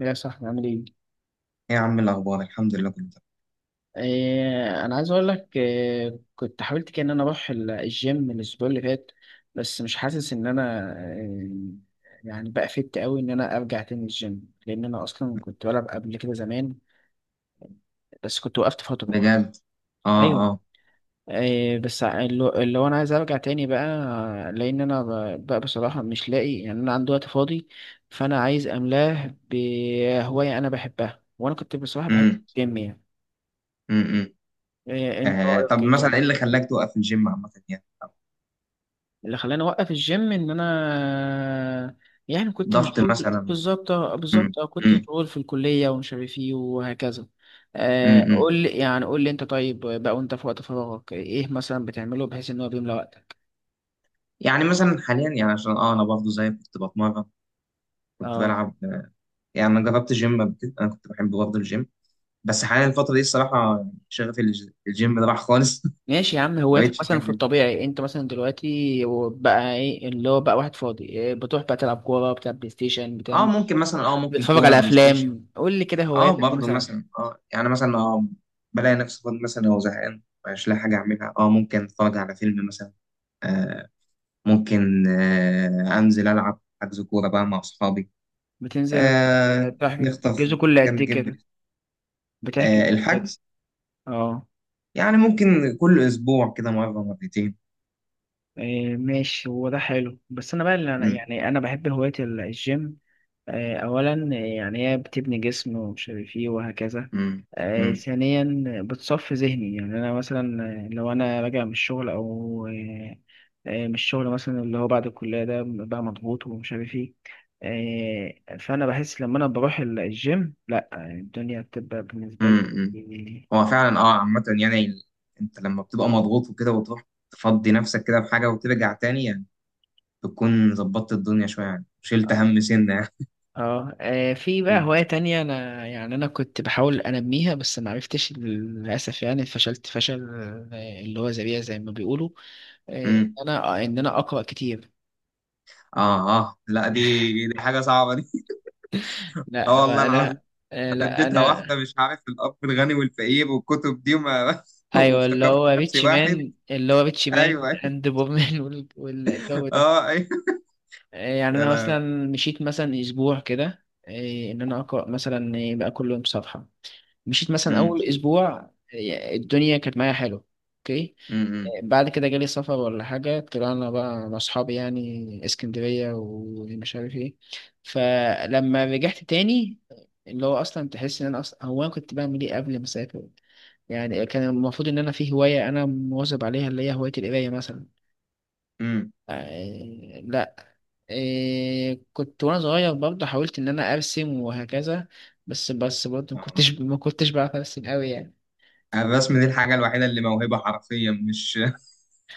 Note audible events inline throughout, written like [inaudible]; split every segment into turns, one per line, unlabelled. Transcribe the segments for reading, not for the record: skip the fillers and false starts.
يا صاحبي عامل ايه؟
ايه يا عم، الاخبار الحمد لله كله تمام.
إيه انا عايز اقول لك إيه كنت حاولت كده ان انا اروح الجيم الاسبوع اللي فات، بس مش حاسس ان انا إيه، يعني بقى فت قوي ان انا ارجع تاني الجيم، لان انا اصلا كنت بلعب قبل كده زمان بس كنت وقفت فترة.
بجد؟ اه،
ايوه.
اه.
إيه بس اللي هو انا عايز ارجع تاني بقى، لان انا بقى بصراحة مش لاقي، يعني انا عندي وقت فاضي، فانا عايز املاه بهواية انا بحبها، وانا كنت بصراحة بحب
امم.
الجيم يعني.
امم.
إيه انت
آه، طب
رأيك إيه؟
مثلا
طيب؟
ايه اللي خلاك توقف الجيم عامه يعني؟
اللي خلاني اوقف الجيم ان انا يعني كنت
ضغط
مشغول.
مثلا؟
بالظبط آه،
امم.
بالظبط اه كنت
امم.
مشغول في الكليه ومش عارف ايه وهكذا. آه،
امم.
قول لي يعني قول لي انت طيب بقى، وانت في وقت فراغك ايه مثلا بتعمله بحيث ان هو بيملى وقتك.
يعني مثلا حاليا يعني عشان انا برضه زي كنت بتمرن، كنت
اه،
بلعب، يعني انا جربت جيم قبل كده، انا كنت بحب برضه الجيم، بس حاليا الفتره دي الصراحه يعني شغفي الجيم ده راح خالص
ماشي يا عم.
[laughs] ما
هواياتك
بقتش
مثلا في
احب.
الطبيعي، انت مثلا دلوقتي بقى ايه اللي هو بقى واحد فاضي إيه، بتروح بقى تلعب كوره، بتلعب بلاي ستيشن،
اه
بتعمل إيه؟
ممكن مثلا ممكن
بتتفرج
كوره،
على
بلاي ستيشن.
افلام؟ قول لي كده
اه
هواياتك
برضه
مثلا.
مثلا، يعني مثلا، بلاقي نفسي فاضي مثلا او زهقان، مش لاقي حاجه اعملها، ممكن اتفرج على فيلم مثلا. آه ممكن، انزل العب حجز كوره بقى مع اصحابي.
بتنزل.
آه
آه، تحكي
نخطف
الجزء كل قد
كام
ايه
جيم
كده؟
بلاي.
بتحكي.
الحجز.
اه.
يعني ممكن كل اسبوع كده، مره مرتين.
إيه ماشي، هو ده حلو، بس انا بقى اللي انا
مم،
يعني انا بحب هواية الجيم. اولا، يعني هي بتبني جسم ومش عارف ايه وهكذا.
مم، مم،
ثانيا بتصفي ذهني، يعني انا مثلا لو انا راجع من الشغل او من الشغل مثلا اللي هو بعد الكلية، ده بقى مضغوط ومش عارف ايه. فانا بحس لما انا بروح الجيم لا الدنيا بتبقى بالنسبة لي
مم، مم.
يعني.
هو فعلا عامه يعني، انت لما بتبقى مضغوط وكده وتروح تفضي نفسك كده بحاجه وترجع تاني، يعني بتكون ظبطت الدنيا شويه، يعني شلت هم سنه يعني.
اه. في بقى
مم.
هواية تانية انا يعني انا كنت بحاول انميها، بس ما عرفتش للاسف، يعني فشلت فشل اللي هو ذريع زي ما بيقولوا.
مم.
انا ان انا اقرا كتير.
اه، اه، لا، دي حاجه صعبه دي [laughs]
لا
اه، والله العظيم،
انا
انا
لا
اديتها
انا.
واحده مش عارف الاب الغني والفقير والكتب دي وما [laughs]
ايوه اللي
وافتكرت
هو
نفسي
ريتش
واحد.
مان، اللي هو ريتش مان
ايوه، أيوة.
اند بورمان. [laughs] والجو ده.
اه، ايوه.
يعني
يا
انا
لا.
مثلا مشيت مثلا اسبوع كده، إيه، ان انا اقرا مثلا إيه، بقى كل يوم صفحه. مشيت مثلا
امم.
اول اسبوع، إيه، الدنيا كانت معايا حلو. اوكي.
امم.
إيه، بعد كده جالي سفر ولا حاجه، طلعنا بقى مع اصحابي يعني اسكندريه ومش عارف ايه. فلما رجعت تاني، اللي هو اصلا تحس ان انا اصلا هو انا كنت بعمل ايه قبل ما اسافر، يعني كان المفروض ان انا في هوايه انا مواظب عليها، اللي هي هوايه القرايه مثلا.
امم.
لا. إيه كنت وانا صغير برضه حاولت ان انا ارسم وهكذا، بس برضه ما
آه.
كنتش ما كنتش بعرف ارسم قوي يعني.
آه، الرسم دي الحاجه الوحيده اللي موهبه حرفيا، مش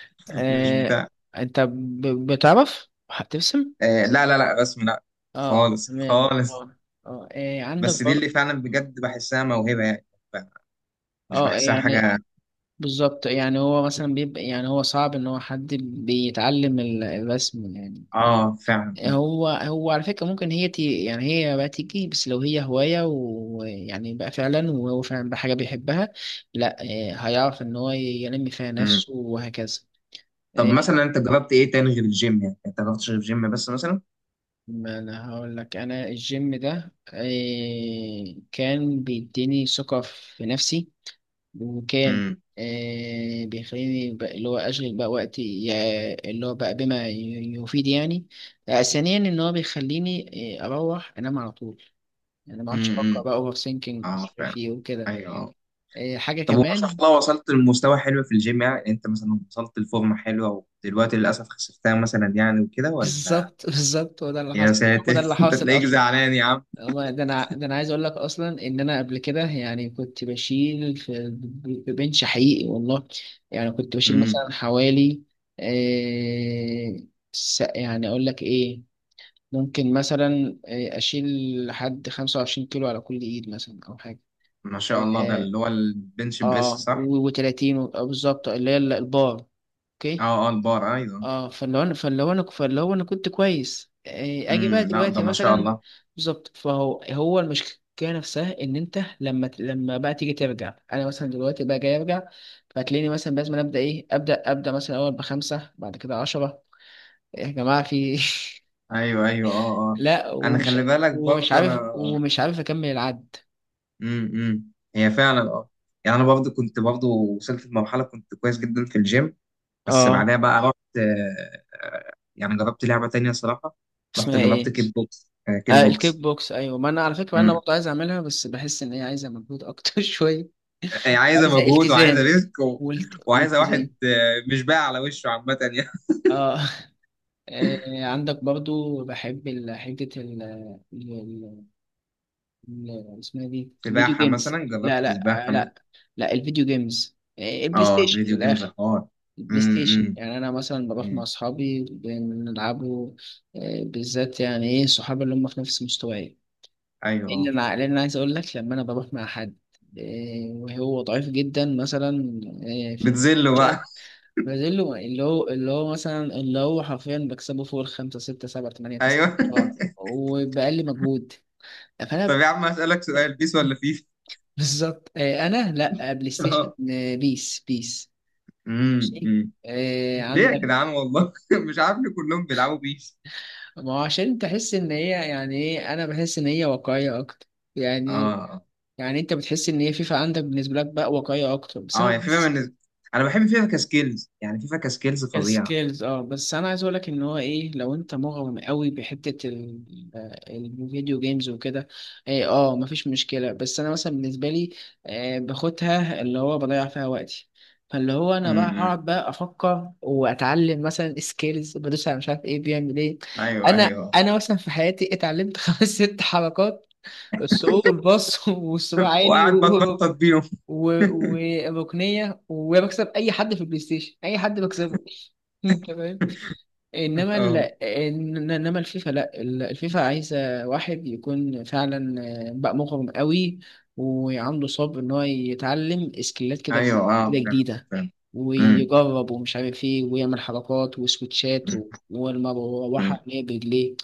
[laughs] مش
إيه
بتاع.
انت بتعرف هترسم.
آه، لا، لا، لا، رسم، لا.
اه
خالص
تمام
خالص.
اه. اه إيه عندك
بس دي
برضه.
اللي فعلا بجد بحسها موهبه يعني، مش
اه
بحسها
يعني
حاجه.
بالظبط، يعني هو مثلا بيبقى، يعني هو صعب ان هو حد بيتعلم الرسم يعني.
اه، فعلا.
هو على فكرة ممكن هي تي، يعني هي بقى تيجي، بس لو هي هواية ويعني بقى فعلا وهو فعلا بحاجة بيحبها، لا هيعرف إن هو ينمي فيها
امم.
نفسه وهكذا.
طب
آه.
مثلا انت جربت ايه تاني غير الجيم؟ يعني انت جربتش غير الجيم بس مثلا؟
ما أنا هقول لك أنا الجيم ده كان بيديني ثقة في نفسي، وكان
امم.
بيخليني بقى اللي هو أشغل بقى وقتي اللي هو بقى بما يفيد يعني. ثانيا إن هو بيخليني أروح أنام على طول، يعني ما عادش افكر
امم.
بقى اوفر ثينكينج،
اه،
مش عارف
فعلا.
ايه وكده.
ايوه.
إيه حاجه
طب وما شاء
كمان.
الله وصلت لمستوى حلو في الجيم، يعني انت مثلا وصلت لفورمه حلوه ودلوقتي للاسف خسفتها مثلا يعني وكده
[laughs]
ولا؟
بالظبط هو ده اللي
يا
حصل. هو ده
ساتر
اللي
[laughs] انت
حاصل
تلاقيك
اصلا.
زعلان يا عم.
هو ده انا، ده انا عايز اقول لك اصلا ان انا قبل كده يعني كنت بشيل في بنش حقيقي والله. يعني كنت بشيل
امم.
مثلا حوالي، إيه، يعني اقول لك ايه، ممكن مثلا إيه، اشيل لحد 25 كيلو على كل ايد مثلا او حاجه.
ما شاء الله، ده
اه،
اللي هو البنش بريس،
آه
صح؟
و30، بالظبط اللي هي البار. اوكي.
اه، اه، البار، ايوه.
اه، فاللي هو انا فاللي هو انا فاللي هو انا كنت كويس، إيه، اجي
امم.
بقى
لا ده
دلوقتي
ما شاء
مثلا.
الله.
بالظبط، فهو هو المشكله نفسها ان انت لما لما بقى تيجي ترجع. انا مثلا دلوقتي بقى جاي ارجع، فتلاقيني مثلا لازم ابدا، ايه ابدا ابدا مثلا اول بخمسه بعد كده عشرة. يا جماعه في.
ايوه، ايوه، اه،
[laughs]
اه.
لا،
انا
ومش
خلي بالك
ومش
برضه انا.
عارف ومش عارف اكمل العد.
امم. امم. هي فعلا، يعني انا برضو كنت برضو وصلت لمرحله، كنت كويس جدا في الجيم. بس
اه
بعدها بقى رحت، يعني جربت لعبه تانية صراحه، رحت
اسمها
جربت
ايه.
كيك بوكس، كيك
آه، الكيك
بوكس.
بوكس. ايوه ما انا على فكره انا
امم.
برضه عايز اعملها، بس بحس ان هي عايزه مجهود اكتر [laughs] شويه.
هي عايزه
عايزه
مجهود وعايزه
التزام،
ريسك، وعايزه واحد،
والتزام.
مش باقي على وشه عامه يعني.
اه. عندك برضو بحب حتة ال- اسمها دي
[laughs]
الفيديو
سباحه مثلا،
جيمز، لا
جربت سباحه
لا آه،
مثلا.
لا لا الفيديو جيمز، البلاي
اه،
ستيشن من
فيديو جيمز
الآخر.
حوار.
البلاي
امم.
ستيشن،
امم.
يعني أنا مثلا بروح مع
امم.
أصحابي بنلعبوا بالذات، يعني إيه صحابي اللي هم في نفس مستواي،
ايوه،
اللي
اه.
أنا لأن أنا عايز أقول لك لما أنا بروح مع حد وهو ضعيف جدا مثلا
بتذله بقى.
برازيلو، اللي هو حرفيا بكسبه فوق الخمسة ستة سبعة تمانية
[laughs]
تسعة
ايوه
عشرة
[laughs]
وبأقل مجهود.
طب
فأنا.
يا عم اسالك سؤال، بيس ولا
[laughs]
فيفا؟
بالظبط أنا لأ بلاي ستيشن
[laughs]
بيس.
امم.
ماشي؟
امم.
آه،
ليه يا
عندك.
جدعان والله [laughs] مش عارف ليه كلهم بيلعبوا بيس.
ما هو عشان تحس إن هي، يعني إيه، أنا بحس إن هي واقعية أكتر، يعني،
اه،
يعني أنت بتحس إن هي فيفا عندك بالنسبة لك بقى واقعية أكتر، بس
اه،
أنا
يعني فيفا
بحس.
بالنسبة، انا بحب فيفا كسكيلز يعني، فيفا كسكيلز فظيعة.
كسكيلز اه. بس انا عايز اقولك ان هو ايه، لو انت مغرم قوي بحته الفيديو جيمز وكده، ايه اه مفيش مشكله. بس انا مثلا بالنسبه لي باخدها اللي هو بضيع فيها وقتي، فاللي هو انا بقى
امم.
هقعد بقى افكر، واتعلم مثلا سكيلز، بدوس على مش عارف ايه، بيعمل ايه.
ايوه،
انا
ايوه
انا مثلا في حياتي اتعلمت [laughs] خمس ست حركات: السوق، والباص، والصباع
[laughs]
عالي،
وقاعد بتنطط بيهم
و- وركنيه، وبكسب اي حد في البلاي ستيشن، اي حد بكسبه. [laughs] تمام.
[laughs]
انما ال...
اه،
انما الفيفا، لا الفيفا عايزه واحد يكون فعلا بقى مغرم قوي، وعنده صبر ان هو يتعلم سكيلات كده
ايوه. اه،
كده
فعلا.
جديده،
فعلا. امم.
ويجرب ومش عارف ايه، ويعمل حركات وسويتشات
أمم، أمم،
والمروحه اللي هي برجليه.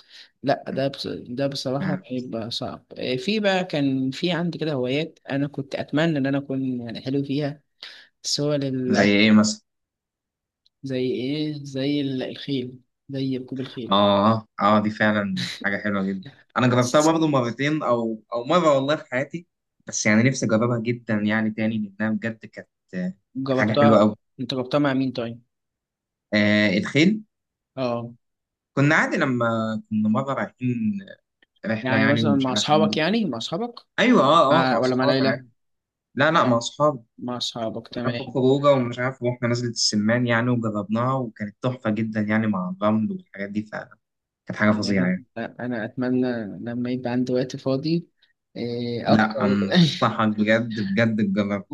لا
أمم،
ده بصراحه
فعلا.
بيبقى صعب. في بقى، كان في عندي كده هوايات انا كنت اتمنى ان انا اكون يعني حلو فيها، بس هو.
زي ايه مثلا؟
زي ايه؟ زي الخيل، زي ركوب الخيل.
اه، اه، دي فعلا حاجة حلوة جدا، انا جربتها برضه مرتين او مرة والله في حياتي، بس يعني نفسي اجربها جدا يعني تاني لانها بجد كانت آه، حاجة حلوة
جربتها.
قوي.
انت جربتها مع مين طيب؟
آه، الخيل.
اه
كنا عادي لما كنا مرة رايحين رحلة
يعني
يعني،
مثلا
ومش
مع
عارف
اصحابك
أعمل.
يعني مع اصحابك؟
أيوة، أه، أه،
مع...
مع
ولا مع
أصحابي
ليلى؟
عادي. لا، لا، مع أصحابي.
مع اصحابك
كنا في
تمام.
خروجة، ومش عارف رحنا نزلة السمان يعني وجربناها، وكانت تحفة جدا يعني، مع الرمل والحاجات دي فعلا، كانت حاجة فظيعة يعني.
لا، انا اتمنى لما يبقى عندي وقت فاضي إيه، اكتر.
لا
[laughs]
أنصحك، بجد بجد تجرب.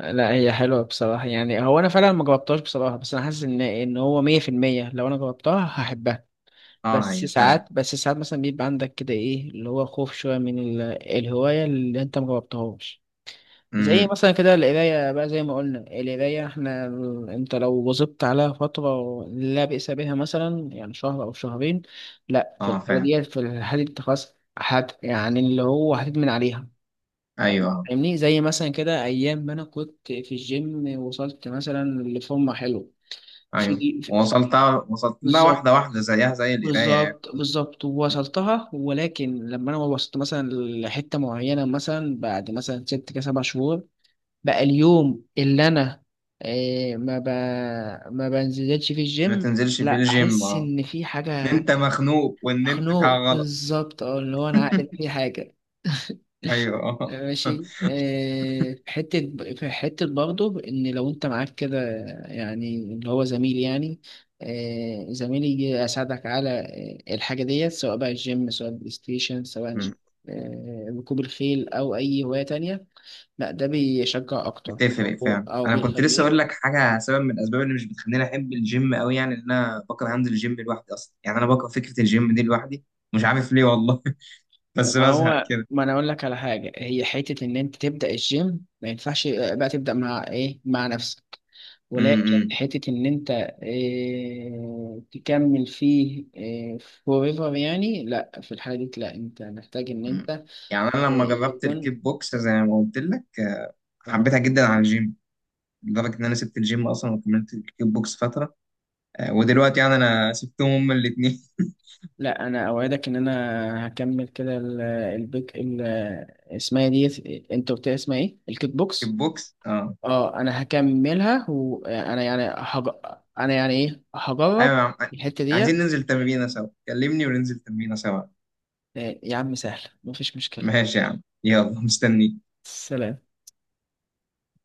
لا هي حلوه بصراحه، يعني هو انا فعلا ما جربتهاش بصراحه، بس انا حاسس ان هو 100% لو انا جربتها هحبها.
أه،
بس
هي فعلا.
ساعات بس ساعات مثلا بيبقى عندك كده ايه اللي هو خوف شويه من الهوايه اللي انت ما جربتهاش. زي
أمم.
مثلا كده القراية بقى، زي ما قلنا القراية، احنا انت لو واظبت عليها فترة لا بأس بها مثلا، يعني شهر أو شهرين، لا في
أه،
الحالة
فعلا.
دي، انت خلاص هت، يعني اللي هو هتدمن عليها.
أيوة، أه.
فاهمني؟ زي مثلا كده أيام ما أنا كنت في الجيم، وصلت مثلا لفورمة حلوة في
أيوة،
دي في،
وصلت، وصلت لها
بالظبط
واحدة واحدة زيها زي القراية يعني.
بالظبط وصلتها، ولكن لما أنا وصلت مثلا لحتة معينة، مثلا بعد مثلا ست كده سبع شهور، بقى اليوم اللي انا آه، ما ب... ما بنزلش فيه
ما
الجيم،
تنزلش في
لا
الجيم،
احس
أه.
ان في
إن
حاجه.
أنت مخنوق وإن أنت في حاجة
مخنوق
غلط.
بالظبط، اه اللي هو انا عقلت في حاجه. [laughs]
أيوة [laughs]
ماشي.
أه.
آه، في حتة، برضه إن لو أنت معاك كده يعني اللي هو زميل، يعني زميل يجي يساعدك على الحاجة ديت، سواء بقى الجيم، سواء البلاي ستيشن، سواء ركوب الخيل، أو أي هواية تانية، لا ده بيشجع اكتر.
بتفرق
او
فعلا،
او
انا كنت لسه
بيخليك.
اقول لك حاجه، سبب من الاسباب اللي مش بتخليني احب الجيم قوي يعني، ان انا بكره انزل الجيم لوحدي اصلا، يعني انا بكره فكره الجيم دي لوحدي، مش عارف ليه والله [laughs] بس
طب ما
بزهق
هو
كده.
ما انا اقول لك على حاجه، هي حته ان انت تبدا الجيم، ما ينفعش بقى تبدا مع ايه، مع نفسك. ولكن
امم.
حته ان انت إيه تكمل فيه إيه forever، يعني لا في الحاله دي لا، انت محتاج ان انت
يعني انا لما
إيه
جربت الكيك
يكون.
بوكس زي ما قلت لك،
اه.
حبيتها جدا عن الجيم، لدرجه ان انا سبت الجيم اصلا وكملت الكيك بوكس فتره، ودلوقتي يعني انا سبتهم هما الاثنين [laughs]
لا انا اوعدك ان انا هكمل كده اسمها دي، انت قلت لي اسمها ايه؟ الكيك
كيك
بوكس.
بوكس، اه،
اه انا هكملها، وانا يعني انا يعني ايه
ايوه
هجرب
يا عم.
الحتة
عايزين
ديت.
ننزل تمرينه سوا، كلمني وننزل تمرينه سوا.
آه، يا عم سهل مفيش مشكلة.
ماشي يا عم، يلا مستنيك.
سلام.